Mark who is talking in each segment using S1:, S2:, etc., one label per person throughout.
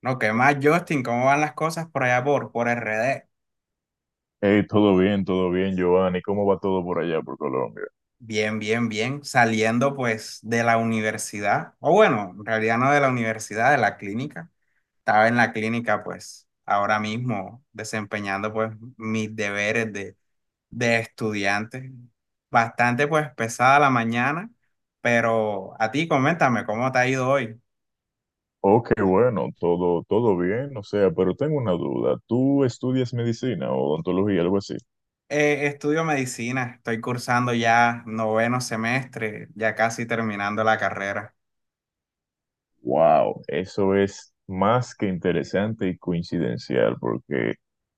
S1: No, ¿qué más, Justin? ¿Cómo van las cosas por allá por RD?
S2: Hey, todo bien, Giovanni. ¿Cómo va todo por allá, por Colombia?
S1: Bien, bien, bien. Saliendo pues de la universidad, o bueno, en realidad no de la universidad, de la clínica. Estaba en la clínica pues ahora mismo desempeñando pues mis deberes de estudiante. Bastante pues pesada la mañana, pero a ti coméntame cómo te ha ido hoy.
S2: Oh, qué bueno, todo, todo bien. O sea, pero tengo una duda. ¿Tú estudias medicina o odontología, algo así?
S1: Estudio medicina, estoy cursando ya noveno semestre, ya casi terminando la carrera.
S2: Wow, eso es más que interesante y coincidencial, porque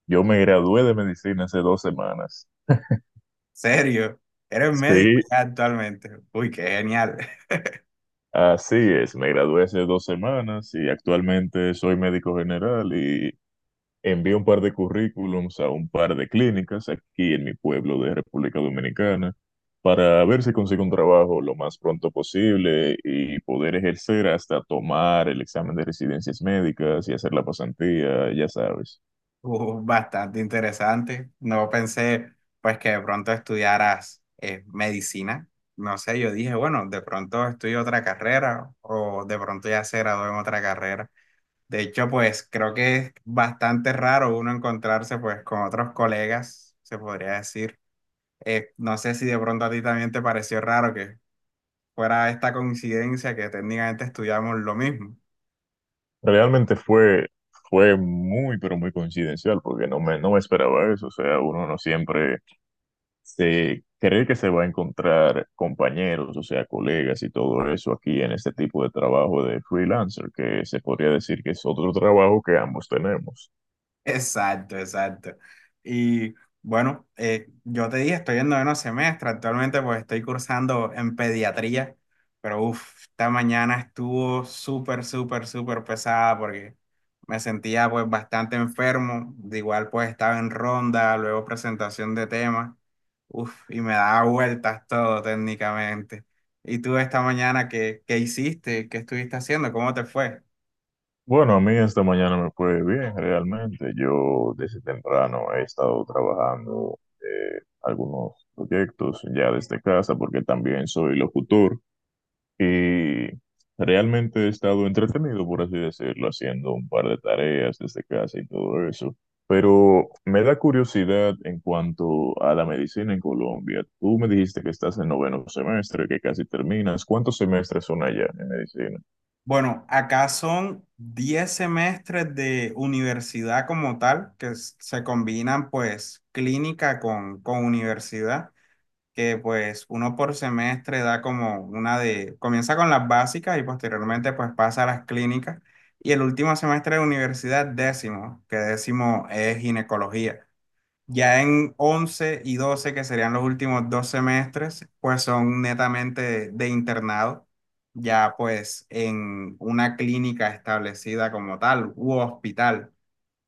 S2: yo me gradué de medicina hace 2 semanas.
S1: ¿Serio? Eres médico
S2: Sí,
S1: ya actualmente. Uy, qué genial.
S2: así es. Me gradué hace 2 semanas y actualmente soy médico general y envié un par de currículums a un par de clínicas aquí en mi pueblo de República Dominicana para ver si consigo un trabajo lo más pronto posible y poder ejercer hasta tomar el examen de residencias médicas y hacer la pasantía, ya sabes.
S1: Bastante interesante. No pensé pues que de pronto estudiaras medicina. No sé, yo dije, bueno, de pronto estudio otra carrera o de pronto ya se graduó en otra carrera. De hecho, pues creo que es bastante raro uno encontrarse pues con otros colegas, se podría decir. No sé si de pronto a ti también te pareció raro que fuera esta coincidencia que técnicamente estudiamos lo mismo.
S2: Realmente fue muy, pero muy coincidencial porque no me esperaba eso. O sea, uno no siempre se cree que se va a encontrar compañeros, o sea, colegas y todo eso aquí en este tipo de trabajo de freelancer, que se podría decir que es otro trabajo que ambos tenemos.
S1: Exacto, exacto. Y bueno, yo te dije, estoy en noveno semestre, actualmente pues estoy cursando en pediatría, pero uff, esta mañana estuvo súper, súper, súper pesada porque me sentía pues bastante enfermo, de igual pues estaba en ronda, luego presentación de temas, uff, y me daba vueltas todo técnicamente. ¿Y tú esta mañana qué hiciste? ¿Qué estuviste haciendo? ¿Cómo te fue?
S2: Bueno, a mí esta mañana me fue bien, realmente. Yo desde temprano he estado trabajando algunos proyectos ya desde casa, porque también soy locutor. Y realmente he estado entretenido, por así decirlo, haciendo un par de tareas desde casa y todo eso. Pero me da curiosidad en cuanto a la medicina en Colombia. Tú me dijiste que estás en noveno semestre, que casi terminas. ¿Cuántos semestres son allá en medicina?
S1: Bueno, acá son 10 semestres de universidad como tal, que se combinan pues clínica con universidad, que pues uno por semestre da como una de, comienza con las básicas y posteriormente pues pasa a las clínicas. Y el último semestre de universidad, décimo, que décimo es ginecología. Ya en 11 y 12 que serían los últimos dos semestres, pues son netamente de internado, ya pues en una clínica establecida como tal u hospital.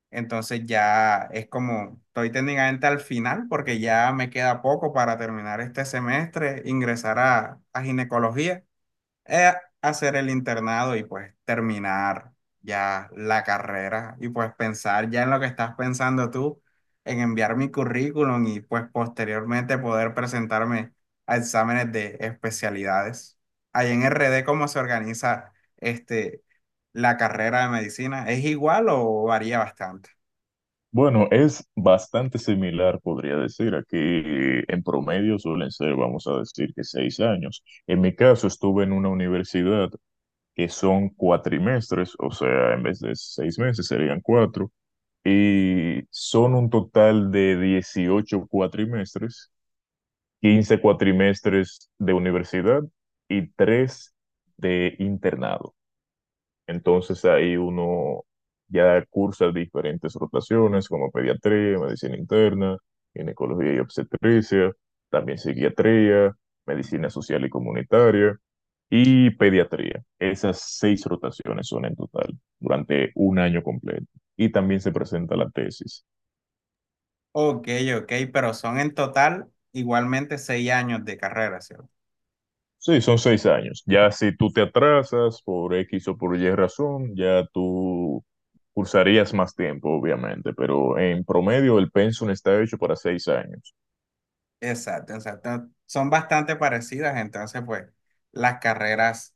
S1: Entonces ya es como, estoy técnicamente al final porque ya me queda poco para terminar este semestre, ingresar a ginecología eh, hacer el internado y pues terminar ya la carrera y pues pensar ya en lo que estás pensando tú, en enviar mi currículum y pues posteriormente poder presentarme a exámenes de especialidades. Ahí en RD, ¿cómo se organiza este, la carrera de medicina? ¿Es igual o varía bastante?
S2: Bueno, es bastante similar, podría decir. Aquí en promedio suelen ser, vamos a decir, que 6 años. En mi caso, estuve en una universidad que son cuatrimestres, o sea, en vez de 6 meses serían cuatro, y son un total de 18 cuatrimestres, 15 cuatrimestres de universidad y tres de internado. Entonces ahí uno ya cursa diferentes rotaciones como pediatría, medicina interna, ginecología y obstetricia, también psiquiatría, medicina social y comunitaria y pediatría. Esas seis rotaciones son en total durante un año completo. Y también se presenta la tesis.
S1: Ok, ok, pero son en total igualmente 6 años de carrera, ¿cierto?
S2: Sí, son 6 años. Ya si tú te atrasas por X o por Y razón, ya tú cursarías más tiempo, obviamente, pero en promedio el pensum está hecho para 6 años.
S1: Exacto, exacto. Son bastante parecidas, entonces, pues, las carreras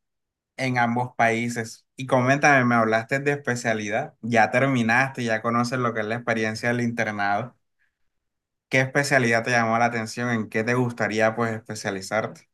S1: en ambos países. Y coméntame, me hablaste de especialidad. Ya terminaste, ya conoces lo que es la experiencia del internado. ¿Qué especialidad te llamó la atención? ¿En qué te gustaría, pues, especializarte?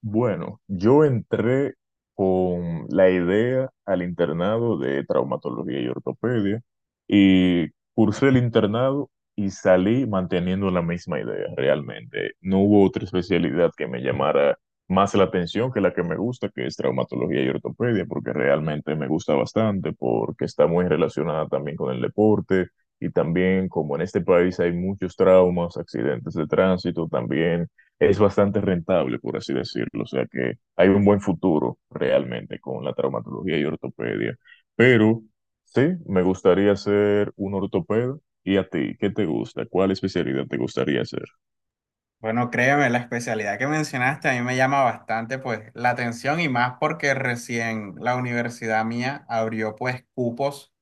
S2: Bueno, yo entré con la idea al internado de traumatología y ortopedia y cursé el internado y salí manteniendo la misma idea realmente. No hubo otra especialidad que me llamara más la atención que la que me gusta, que es traumatología y ortopedia, porque realmente me gusta bastante, porque está muy relacionada también con el deporte y también como en este país hay muchos traumas, accidentes de tránsito, también es bastante rentable, por así decirlo. O sea que hay un buen futuro realmente con la traumatología y ortopedia. Pero sí, me gustaría ser un ortopeda. ¿Y a ti? ¿Qué te gusta? ¿Cuál especialidad te gustaría hacer?
S1: Bueno, créeme, la especialidad que mencionaste a mí me llama bastante, pues, la atención y más porque recién la universidad mía abrió, pues, cupos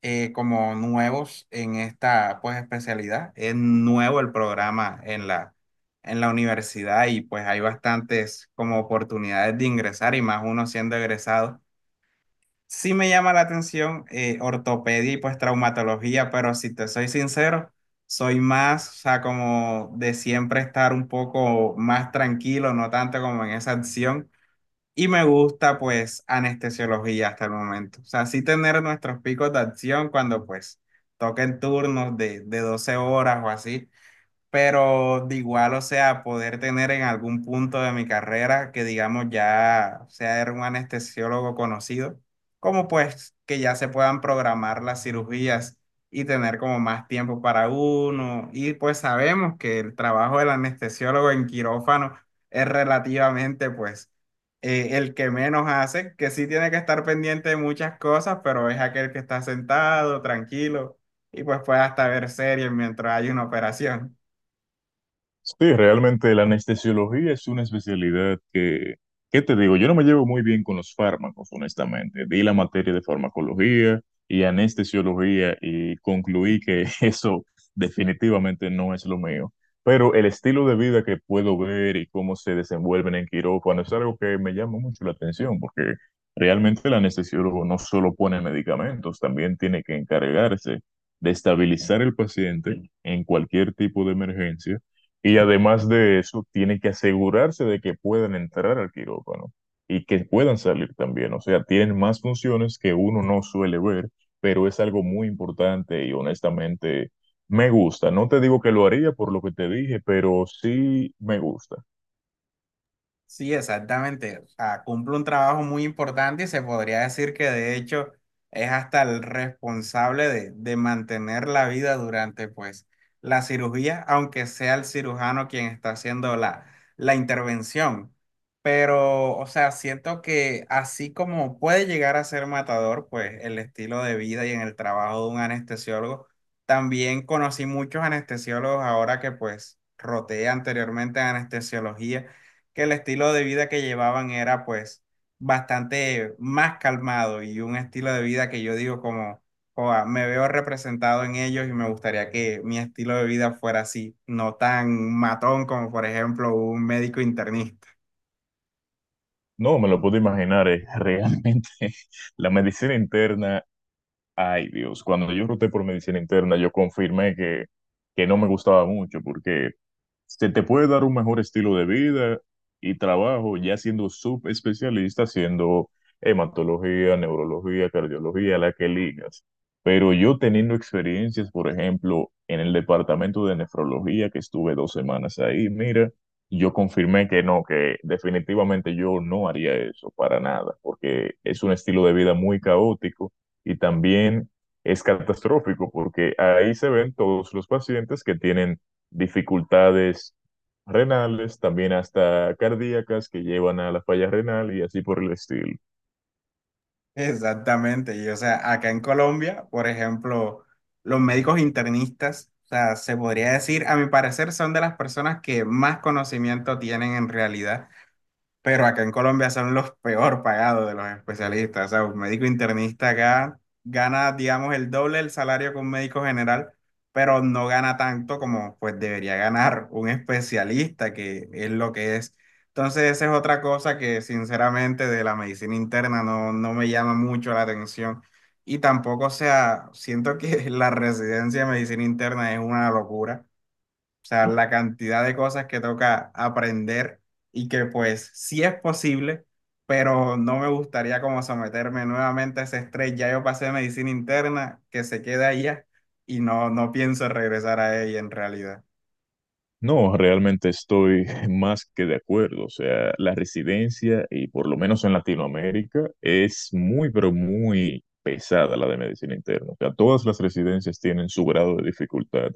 S1: como nuevos en esta pues especialidad. Es nuevo el programa en la universidad y pues hay bastantes como oportunidades de ingresar y más uno siendo egresado. Sí me llama la atención ortopedia y pues traumatología, pero si te soy sincero, soy más, o sea, como de siempre estar un poco más tranquilo, no tanto como en esa acción. Y me gusta pues anestesiología hasta el momento. O sea, sí tener nuestros picos de acción cuando pues toquen turnos de 12 horas o así, pero de igual, o sea, poder tener en algún punto de mi carrera que digamos ya sea era un anestesiólogo conocido, como pues que ya se puedan programar las cirugías y tener como más tiempo para uno. Y pues sabemos que el trabajo del anestesiólogo en quirófano es relativamente pues el que menos hace, que sí tiene que estar pendiente de muchas cosas, pero es aquel que está sentado, tranquilo. Y pues puede hasta ver series mientras hay una operación.
S2: Sí, realmente la anestesiología es una especialidad que, ¿qué te digo? Yo no me llevo muy bien con los fármacos, honestamente. Di la materia de farmacología y anestesiología y concluí que eso definitivamente no es lo mío. Pero el estilo de vida que puedo ver y cómo se desenvuelven en quirófano es algo que me llama mucho la atención, porque realmente el anestesiólogo no solo pone medicamentos, también tiene que encargarse de estabilizar el paciente en cualquier tipo de emergencia y además de eso, tiene que asegurarse de que puedan entrar al quirófano y que puedan salir también. O sea, tienen más funciones que uno no suele ver, pero es algo muy importante y honestamente me gusta. No te digo que lo haría por lo que te dije, pero sí me gusta.
S1: Sí, exactamente. O cumple un trabajo muy importante y se podría decir que de hecho es hasta el responsable de mantener la vida durante pues la cirugía, aunque sea el cirujano quien está haciendo la intervención. Pero, o sea, siento que así como puede llegar a ser matador, pues el estilo de vida y en el trabajo de un anestesiólogo, también conocí muchos anestesiólogos ahora que pues roté anteriormente en anestesiología que el estilo de vida que llevaban era pues bastante más calmado y un estilo de vida que yo digo como, "Joa, me veo representado en ellos y me gustaría que mi estilo de vida fuera así, no tan matón como por ejemplo un médico internista".
S2: No me lo puedo imaginar, es realmente la medicina interna. Ay Dios, cuando yo roté por medicina interna, yo confirmé que no me gustaba mucho porque se te puede dar un mejor estilo de vida y trabajo ya siendo subespecialista, siendo hematología, neurología, cardiología, la que ligas. Pero yo teniendo experiencias, por ejemplo, en el departamento de nefrología, que estuve 2 semanas ahí, mira, yo confirmé que no, que definitivamente yo no haría eso para nada, porque es un estilo de vida muy caótico y también es catastrófico, porque ahí se ven todos los pacientes que tienen dificultades renales, también hasta cardíacas que llevan a la falla renal y así por el estilo.
S1: Exactamente, y o sea, acá en Colombia, por ejemplo, los médicos internistas, o sea, se podría decir, a mi parecer, son de las personas que más conocimiento tienen en realidad, pero acá en Colombia son los peor pagados de los especialistas. O sea, un médico internista acá gana, digamos, el doble del salario que un médico general, pero no gana tanto como pues debería ganar un especialista, que es lo que es. Entonces, esa es otra cosa que sinceramente de la medicina interna no, no me llama mucho la atención. Y tampoco, o sea, siento que la residencia de medicina interna es una locura, o sea, la cantidad de cosas que toca aprender y que pues sí es posible, pero no me gustaría como someterme nuevamente a ese estrés. Ya yo pasé medicina interna, que se queda allá y no, no pienso regresar a ella en realidad.
S2: No, realmente estoy más que de acuerdo. O sea, la residencia, y por lo menos en Latinoamérica, es muy, pero muy pesada la de medicina interna. O sea, todas las residencias tienen su grado de dificultad,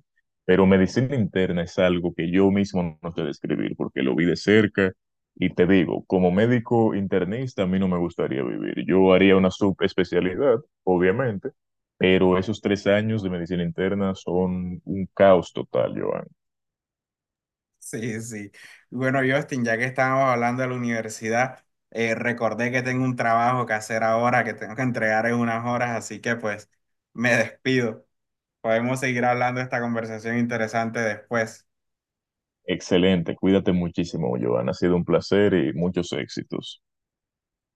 S2: pero medicina interna es algo que yo mismo no sé describir porque lo vi de cerca y te digo, como médico internista, a mí no me gustaría vivir. Yo haría una subespecialidad, obviamente, pero esos 3 años de medicina interna son un caos total, Joan.
S1: Sí, sí. Bueno, Justin, ya que estábamos hablando de la universidad, recordé que tengo un trabajo que hacer ahora, que tengo que entregar en unas horas, así que pues me despido. Podemos seguir hablando de esta conversación interesante después.
S2: Excelente, cuídate muchísimo, Joan. Ha sido un placer y muchos éxitos.